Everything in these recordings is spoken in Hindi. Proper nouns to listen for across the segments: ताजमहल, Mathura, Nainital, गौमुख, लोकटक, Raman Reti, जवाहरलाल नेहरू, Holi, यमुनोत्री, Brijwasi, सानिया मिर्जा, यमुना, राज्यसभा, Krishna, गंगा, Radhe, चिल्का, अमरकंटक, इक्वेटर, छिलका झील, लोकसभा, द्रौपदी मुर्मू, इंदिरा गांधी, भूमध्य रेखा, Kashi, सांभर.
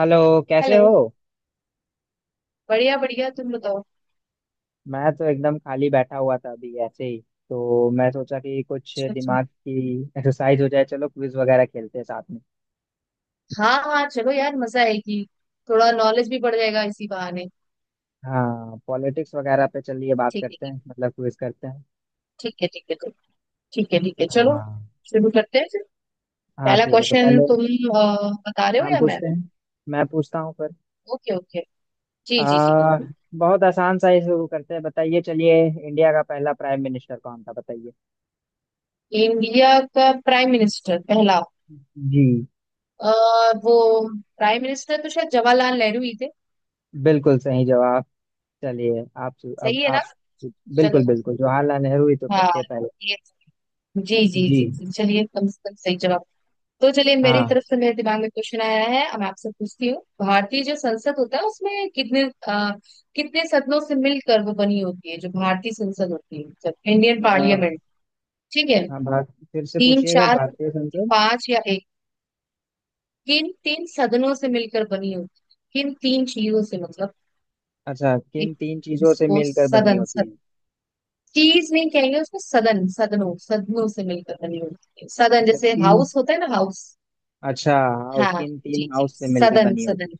हेलो कैसे हो। हेलो। बढ़िया बढ़िया, तुम बताओ। मैं तो एकदम खाली बैठा हुआ था अभी ऐसे ही। तो मैं सोचा कि कुछ अच्छा अच्छा। दिमाग की एक्सरसाइज हो जाए, चलो क्विज वगैरह खेलते हैं साथ में। हाँ हाँ, चलो यार मजा आएगी। थोड़ा नॉलेज भी बढ़ जाएगा इसी बहाने। हाँ, पॉलिटिक्स वगैरह पे चलिए बात ठीक है करते हैं, मतलब क्विज करते हैं। ठीक है, ठीक है तो, ठीक है चलो, हाँ शुरू करते हैं फिर। हाँ पहला ठीक है। तो क्वेश्चन पहले तुम बता रहे हो हम या मैं? पूछते हैं, मैं पूछता हूँ फिर। ओके ओके, जी जी जी। आ, बहुत आसान सा ही शुरू करते हैं, बताइए, चलिए। इंडिया का पहला प्राइम मिनिस्टर कौन था बताइए। इंडिया का प्राइम मिनिस्टर पहला, जी, अ, वो प्राइम मिनिस्टर तो शायद जवाहरलाल नेहरू ही थे। बिल्कुल सही जवाब। चलिए आप, अब सही है ना? आप। बिल्कुल चलो बिल्कुल जवाहरलाल नेहरू ही तो हाँ, थे पहले। ये, जी जी जी, जी जी, चलिए कम से कम सही जवाब। तो चलिए मेरी हाँ। तरफ से, मेरे दिमाग में क्वेश्चन आया है, अब मैं आपसे पूछती हूँ, भारतीय जो संसद होता है उसमें कितने कितने सदनों से मिलकर वो बनी होती है, जो भारतीय संसद होती है, मतलब इंडियन अ, पार्लियामेंट। ठीक है? हाँ भारत, फिर से तीन, पूछिएगा, चार, भारतीय संसद? पांच या एक? किन तीन सदनों से मिलकर बनी होती है, किन तीन चीजों से मतलब। अच्छा, किन एक, तीन चीजों से उसको मिलकर बनी सदन होती है? चीज नहीं कहेंगे उसको, सदन सदनों सदनों से मिलकर बनी होती है, सदन, अच्छा जैसे किन। हाउस होता है ना, हाउस। अच्छा, हाउस, हाँ किन तीन जी जी, हाउस से मिलकर सदन बनी होती है? सदन।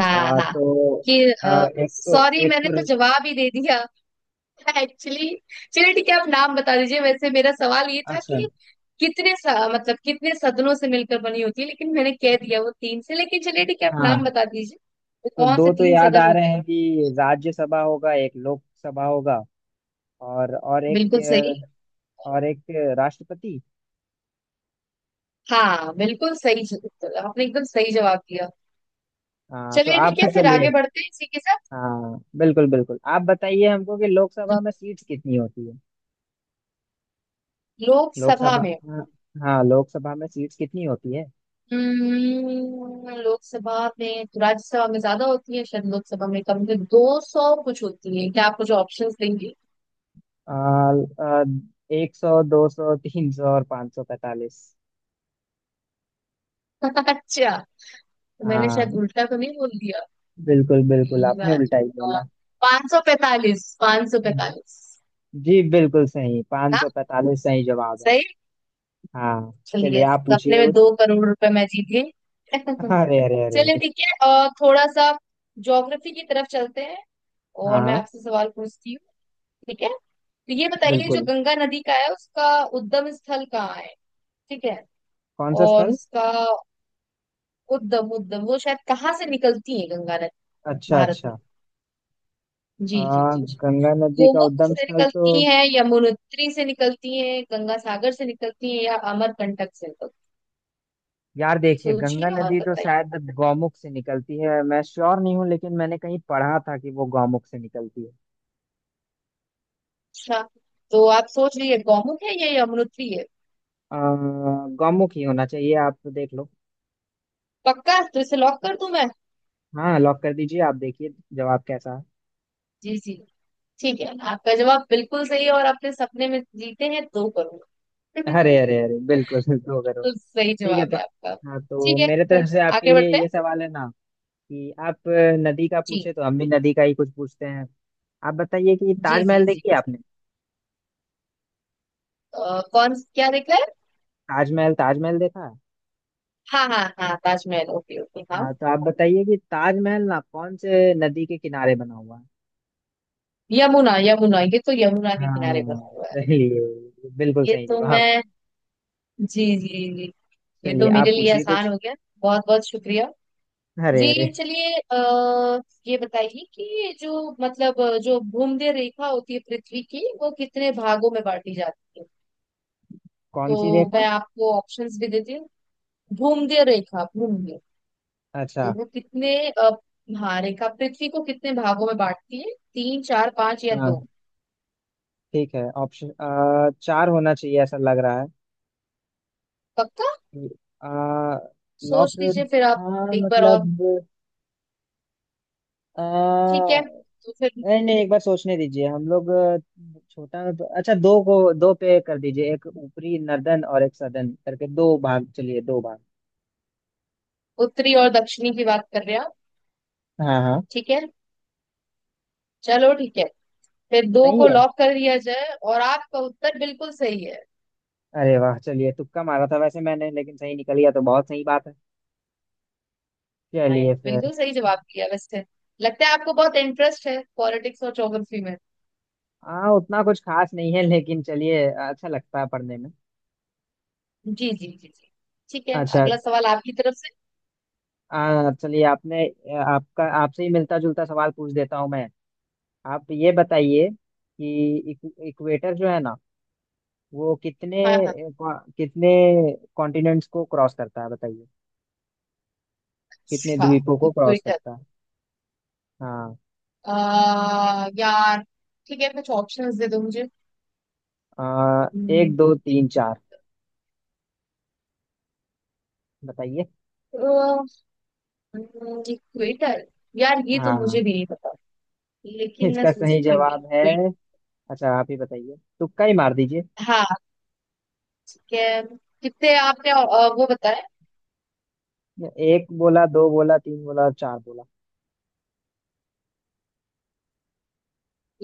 हाँ हाँ, तो कि, एक तो, सॉरी एक मैंने तो तो। जवाब ही दे दिया। एक्चुअली चलिए ठीक है, आप नाम बता दीजिए। वैसे मेरा सवाल ये था अच्छा। कि कितने मतलब कितने सदनों से मिलकर बनी होती है, लेकिन मैंने कह दिया वो तीन से, लेकिन चलिए ठीक है आप नाम हाँ बता दीजिए। वो तो कौन से दो तो तीन याद सदन आ रहे होते हैं? हैं कि राज्यसभा होगा, एक लोकसभा होगा, और बिल्कुल सही। एक, और एक राष्ट्रपति। हाँ बिल्कुल सही जवाब, आपने एकदम सही जवाब दिया। हाँ तो चलिए ठीक आप है फिर आगे चलिए। बढ़ते हैं इसी के साथ। हाँ बिल्कुल बिल्कुल आप बताइए हमको कि लोकसभा में सीट्स कितनी होती है। लोकसभा लोकसभा। में, हाँ। हाँ, लोकसभा में सीट्स कितनी होती है? लोकसभा में तो, राज्यसभा में ज्यादा होती है शायद, लोकसभा में कम, दो सौ कुछ होती है क्या? आप मुझे ऑप्शंस देंगे? आ, 100, 200, 300 और 545। अच्छा, तो मैंने शायद हाँ उल्टा तो नहीं बोल दिया? बिल्कुल बिल्कुल, पहली आपने बार। उल्टा ही बोला। पाँच सौ पैतालीस, पाँच सौ हम्म। पैतालीस। जी बिल्कुल सही, पाँच हाँ सौ पैतालीस सही जवाब है। सही। हाँ। चलिए चलिए आप सपने पूछिए में कुछ। दो करोड़ रुपए मैं जीत गई। अरे अरे अरे चलिए अरे। ठीक है, और थोड़ा सा ज्योग्राफी की तरफ चलते हैं, हाँ और मैं हाँ आपसे सवाल पूछती हूँ। ठीक है, तो ये बताइए जो बिल्कुल। गंगा नदी का है उसका उद्गम स्थल कहाँ है? ठीक है, कौन सा और स्थल? उसका उद्गम उद्गम, वो शायद कहाँ से निकलती है गंगा नदी अच्छा भारत में? अच्छा। जी आ, जी जी जी। गंगा नदी का गोमुख उद्गम से स्थल तो, निकलती है, यमुनोत्री से निकलती है, गंगा सागर से निकलती है या अमरकंटक से निकलती यार है, देखिए, गंगा सोचिए और नदी तो बताइए। शायद गौमुख से निकलती है, मैं श्योर नहीं हूँ, लेकिन मैंने कहीं पढ़ा था कि वो गौमुख से निकलती है। अच्छा, तो आप सोच लीजिए गौमुख है या यमुनोत्री है? अ, गौमुख ही होना चाहिए, आप तो देख लो। पक्का? तो इसे लॉक कर दूं मैं? हाँ लॉक कर दीजिए, आप देखिए जवाब कैसा जी जी। ठीक है आपका जवाब बिल्कुल सही है, और आपने सपने में जीते हैं दो है। अरे करोड़। अरे अरे बिल्कुल 2 करोड़। तो सही ठीक है जवाब तो। है आपका। हाँ तो ठीक है मेरे फिर तरफ से आपके आगे लिए बढ़ते हैं। ये सवाल है ना, कि आप नदी का जी पूछे तो हम भी नदी का ही कुछ पूछते हैं। आप बताइए कि जी जी ताजमहल जी देखी है जी। आपने? कौन, क्या देखा है? ताजमहल, ताजमहल देखा है? हाँ हाँ हाँ, ताजमहल, ओके ओके हाँ। हाँ तो आप बताइए कि ताजमहल ना कौन से नदी के किनारे बना हुआ है? यमुना यमुना, ये तो यमुना के किनारे हाँ बना हुआ है। सही है, बिल्कुल ये सही तो जवाब। मैं, जी जी जी, ये चलिए तो मेरे आप लिए पूछिए आसान कुछ। हो गया, बहुत बहुत शुक्रिया। अरे जी अरे। चलिए, ये बताइए कि ये जो मतलब जो भूमध्य रेखा होती है पृथ्वी की, वो कितने भागों में बांटी जाती है? कौन तो सी रेखा? मैं आपको ऑप्शंस भी देती हूँ। भूमध्य रेखा, भूमध्य, अच्छा। और वो कितने हाँ, रेखा पृथ्वी को कितने भागों में बांटती है, तीन, चार, पांच या दो? हाँ ठीक है ऑप्शन। चार होना चाहिए, ऐसा लग रहा है। पक्का? आ, लॉक। सोच लीजिए फिर आप, हाँ एक बार और। मतलब। अ, ठीक है तो फिर, नहीं नहीं, एक बार सोचने दीजिए हम लोग। छोटा। अच्छा, दो को दो पे कर दीजिए, एक ऊपरी नर्दन और एक सदन करके दो भाग, चलिए दो भाग। उत्तरी और दक्षिणी की बात कर रहे हैं आप? हाँ हाँ ठीक है, चलो ठीक है, फिर दो सही को है। लॉक कर दिया जाए, और आपका उत्तर बिल्कुल सही है। अरे वाह, चलिए तुक्का मारा था वैसे मैंने, लेकिन सही निकल गया तो बहुत सही बात है। हाँ, ये चलिए फिर। बिल्कुल सही जवाब दिया वैसे, लगता है आपको बहुत इंटरेस्ट है पॉलिटिक्स और ज्योग्राफी में। हाँ उतना कुछ खास नहीं है, लेकिन चलिए अच्छा लगता है पढ़ने में। जी जी जी जी। ठीक है, अच्छा। अगला सवाल आपकी तरफ से। चलिए आपने, आपका, आपसे ही मिलता जुलता सवाल पूछ देता हूँ मैं। आप ये बताइए कि इक्वेटर जो है ना, वो कितने, हाँ हाँ। कितने कॉन्टिनेंट्स को क्रॉस करता है बताइए, कितने अच्छा, द्वीपों को क्रॉस ट्विटर? करता है? हाँ। यार ठीक है कुछ ऑप्शंस दे दो मुझे। आ, एक, दो, तीन, चार, बताइए। इक्वेटर, यार ये तो हाँ मुझे भी नहीं पता, लेकिन मैं इसका सही सोचती हूँ जवाब है। equator। अच्छा आप ही बताइए, तुक्का ही मार दीजिए। हाँ ठीक है, कितने आपने वो बताया, एक बोला, दो बोला, तीन बोला और चार बोला।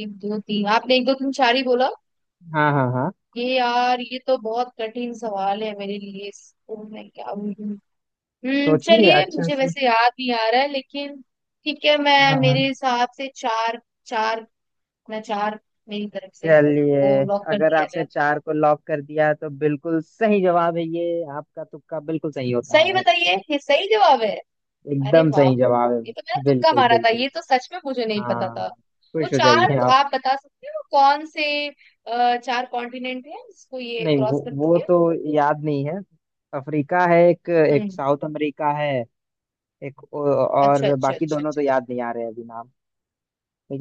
एक दो तीन, आपने एक दो तीन चार ही बोला। हाँ हाँ हाँ। ये यार, ये तो बहुत कठिन सवाल है मेरे लिए, इसको मैं क्या बोलूं। हम्म, सोचिए चलिए अच्छा मुझे से। वैसे याद नहीं आ रहा है, लेकिन ठीक है, मैं, हाँ हाँ। मेरे हिसाब से चार, चार, अपना चार मेरी तरफ से, चलिए, वो लॉक कर अगर दिया आपने जाए। चार को लॉक कर दिया तो बिल्कुल सही जवाब है, ये आपका तुक्का बिल्कुल सही होता सही है। बताइए, ये सही जवाब है? अरे एकदम वाह, सही जवाब ये तो मैंने है। तुक्का बिल्कुल मारा था, बिल्कुल। ये तो सच में मुझे नहीं पता था। हाँ। वो खुश हो चार जाइए आप। आप बता सकते हो कौन से चार कॉन्टिनेंट है जिसको ये नहीं, वो क्रॉस वो करती है? तो याद नहीं है। अफ्रीका है एक, एक हम्म, साउथ अमेरिका है, एक अच्छा और, अच्छा बाकी अच्छा दोनों तो अच्छा, याद नहीं आ रहे अभी नाम।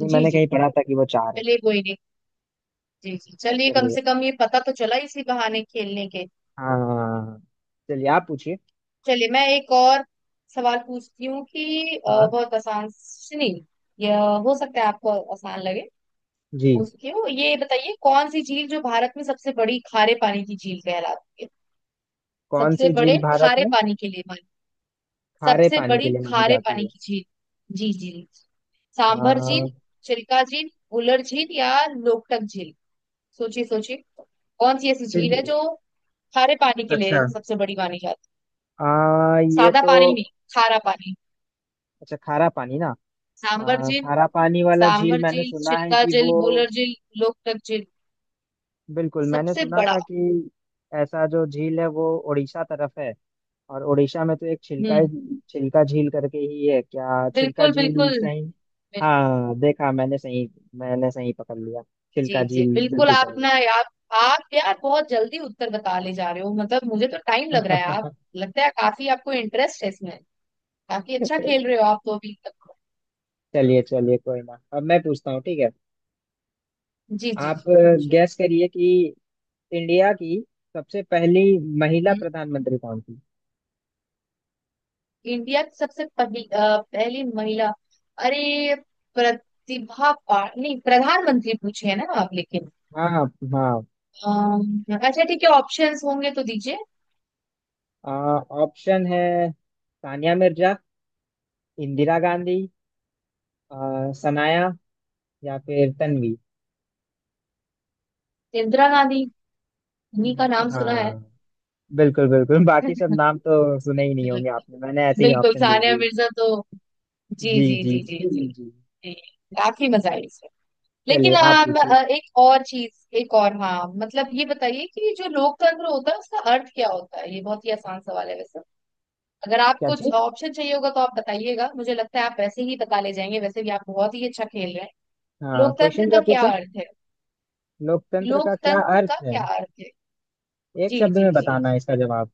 अच्छा। जी मैंने जी कहीं जी, पढ़ा था कि वो चार है। चलिए कोई नहीं, जी जी, चलिए कम चलिए। से कम ये पता तो चला इसी बहाने खेलने के। हाँ चलिए आप पूछिए। चलिए मैं एक और सवाल पूछती हूँ कि, हाँ बहुत आसान नहीं, यह, हो सकता है आपको आसान लगे, जी। क्यों, ये बताइए कौन सी झील जो भारत में सबसे बड़ी खारे पानी की झील कहलाती है? कौन सबसे सी बड़े झील भारत खारे में पानी के लिए मानी, खारे सबसे पानी के बड़ी लिए मानी खारे जाती पानी है? की झील। जी जी। आ, सांभर झील, चिल्का झील, उलर झील या लोकटक झील? सोचिए सोचिए, कौन सी ऐसी फिर। झील है जो खारे पानी के लिए अच्छा। सबसे बड़ी मानी जाती है, ये सादा तो, पानी नहीं, खारा पानी। अच्छा खारा पानी ना। सांभर झील, खारा पानी वाला झील सांभर मैंने झील, सुना है चिल्का कि झील, वो, बुलर झील, लोकटक झील, बिल्कुल, मैंने सबसे सुना बड़ा। था कि ऐसा जो झील है वो उड़ीसा तरफ है, और उड़ीसा में तो एक छिलका, हम्म। छिलका झील करके ही है क्या? छिलका बिल्कुल झील बिल्कुल। सही? हाँ देखा, मैंने सही, मैंने सही पकड़ लिया, जी छिलका जी झील बिल्कुल, बिल्कुल आप सही। ना, आप आप यार बहुत जल्दी उत्तर बता ले जा रहे हो, मतलब मुझे तो टाइम लग रहा है। आप, लगता है काफी आपको इंटरेस्ट है इसमें, काफी अच्छा खेल रहे हो आप तो अभी तक। चलिए चलिए कोई ना, अब मैं पूछता हूँ, ठीक है जी जी आप जी, पूछो। गैस करिए कि इंडिया की सबसे पहली महिला हम्म, प्रधानमंत्री कौन थी? इंडिया की सबसे पहली पहली महिला, अरे प्रतिभा पा नहीं, प्रधानमंत्री पूछे है ना आप? लेकिन हाँ हाँ अच्छा ठीक है ऑप्शंस होंगे तो दीजिए। हाँ ऑप्शन है, सानिया मिर्जा, इंदिरा गांधी, सनाया, या फिर तन्वी। इंदिरा गांधी, इन्हीं का नाम सुना है। हाँ बिल्कुल बिल्कुल, बाकी सब नाम तो सुने ही नहीं होंगे आपने, मैंने ऐसे ही बिल्कुल ऑप्शन दे सानिया दिए। मिर्जा तो, जी जी जी जी जी जी जी जी। जी। जी, काफी मजा आई इसमें। लेकिन चलिए आप पूछो। एक और चीज, एक और, हाँ मतलब ये बताइए कि जो लोकतंत्र होता है उसका अर्थ क्या होता है? ये बहुत ही आसान सवाल है वैसे, अगर आप क्या कुछ ठीक? ऑप्शन चाहिए होगा तो आप बताइएगा, मुझे लगता है आप वैसे ही बता ले जाएंगे, वैसे भी आप बहुत ही अच्छा खेल रहे हैं। हाँ क्वेश्चन लोकतंत्र का क्या क्या पूछा? अर्थ है? लोकतंत्र का क्या लोकतंत्र का अर्थ है? क्या अर्थ है? एक जी शब्द जी में जी, बताना है इसका बिल्कुल। जवाब।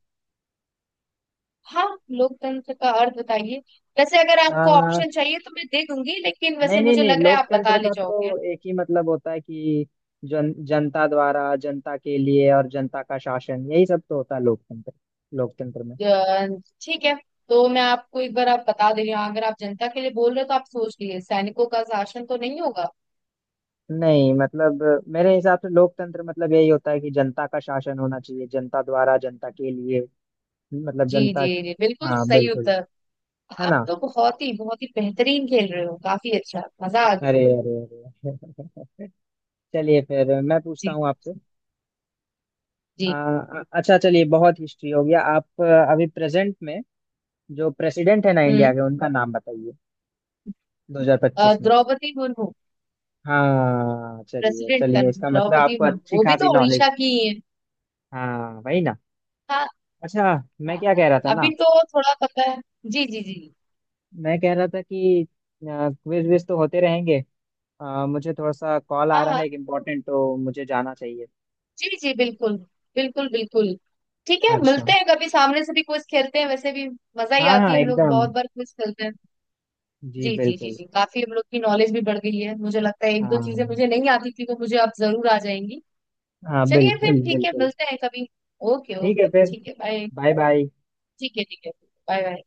हाँ, लोकतंत्र का अर्थ बताइए। वैसे अगर आपको आ, ऑप्शन चाहिए तो मैं दे दूंगी, लेकिन वैसे नहीं नहीं मुझे नहीं, लग रहा है आप बता लोकतंत्र ले का जाओगे। तो एक ही मतलब होता है कि जन, जनता द्वारा, जनता के लिए और जनता का शासन, यही सब तो होता है लोकतंत्र। लोकतंत्र में, अ, ठीक है, तो मैं आपको एक बार आप बता दे रही हूँ, अगर आप जनता के लिए बोल रहे हो तो आप सोच लिए, सैनिकों का शासन तो नहीं होगा। नहीं मतलब मेरे हिसाब से लोकतंत्र मतलब यही होता है कि जनता का शासन होना चाहिए, जनता द्वारा, जनता के लिए, मतलब जी जी जनता। जी बिल्कुल हाँ सही बिल्कुल, उत्तर। है आप ना। तो बहुत ही बेहतरीन खेल रहे हो, काफी अच्छा मजा आ गया। अरे अरे अरे चलिए फिर मैं पूछता जी हूँ आपसे। जी। अच्छा, चलिए बहुत हिस्ट्री हो गया। आप अभी प्रेजेंट में जो प्रेसिडेंट है ना हम्म, इंडिया के, उनका नाम बताइए 2025 में। द्रौपदी मुर्मू। हाँ चलिए प्रेसिडेंट का चलिए, नाम इसका मतलब द्रौपदी आपको मुर्मू, अच्छी वो भी खासी तो नॉलेज। उड़ीसा की ही है। हाँ वही ना। हाँ अच्छा। हाँ मैं क्या हाँ, कह रहा था ना, अभी तो थोड़ा पता है। जी जी जी। मैं कह रहा था कि क्विज विज तो होते रहेंगे, मुझे थोड़ा सा कॉल आ हाँ रहा हाँ, है एक इम्पोर्टेंट, तो मुझे जाना चाहिए। जी जी बिल्कुल, बिल्कुल बिल्कुल। ठीक है, अच्छा। मिलते हैं कभी, सामने से भी क्विज खेलते हैं, वैसे भी मजा ही हाँ आती हाँ है, हम लोग एकदम। बहुत बार क्विज खेलते हैं। जी जी जी जी बिल्कुल। जी, काफी हम लोग की नॉलेज भी बढ़ गई है, मुझे लगता है एक दो चीजें मुझे हाँ नहीं आती थी, वो मुझे अब जरूर आ जाएंगी। हाँ चलिए फिर बिल्कुल ठीक है, बिल्कुल। मिलते हैं कभी। ओके ठीक है ओके फिर। ठीक है, बाय। Bye bye. ठीक है ठीक है, बाय बाय।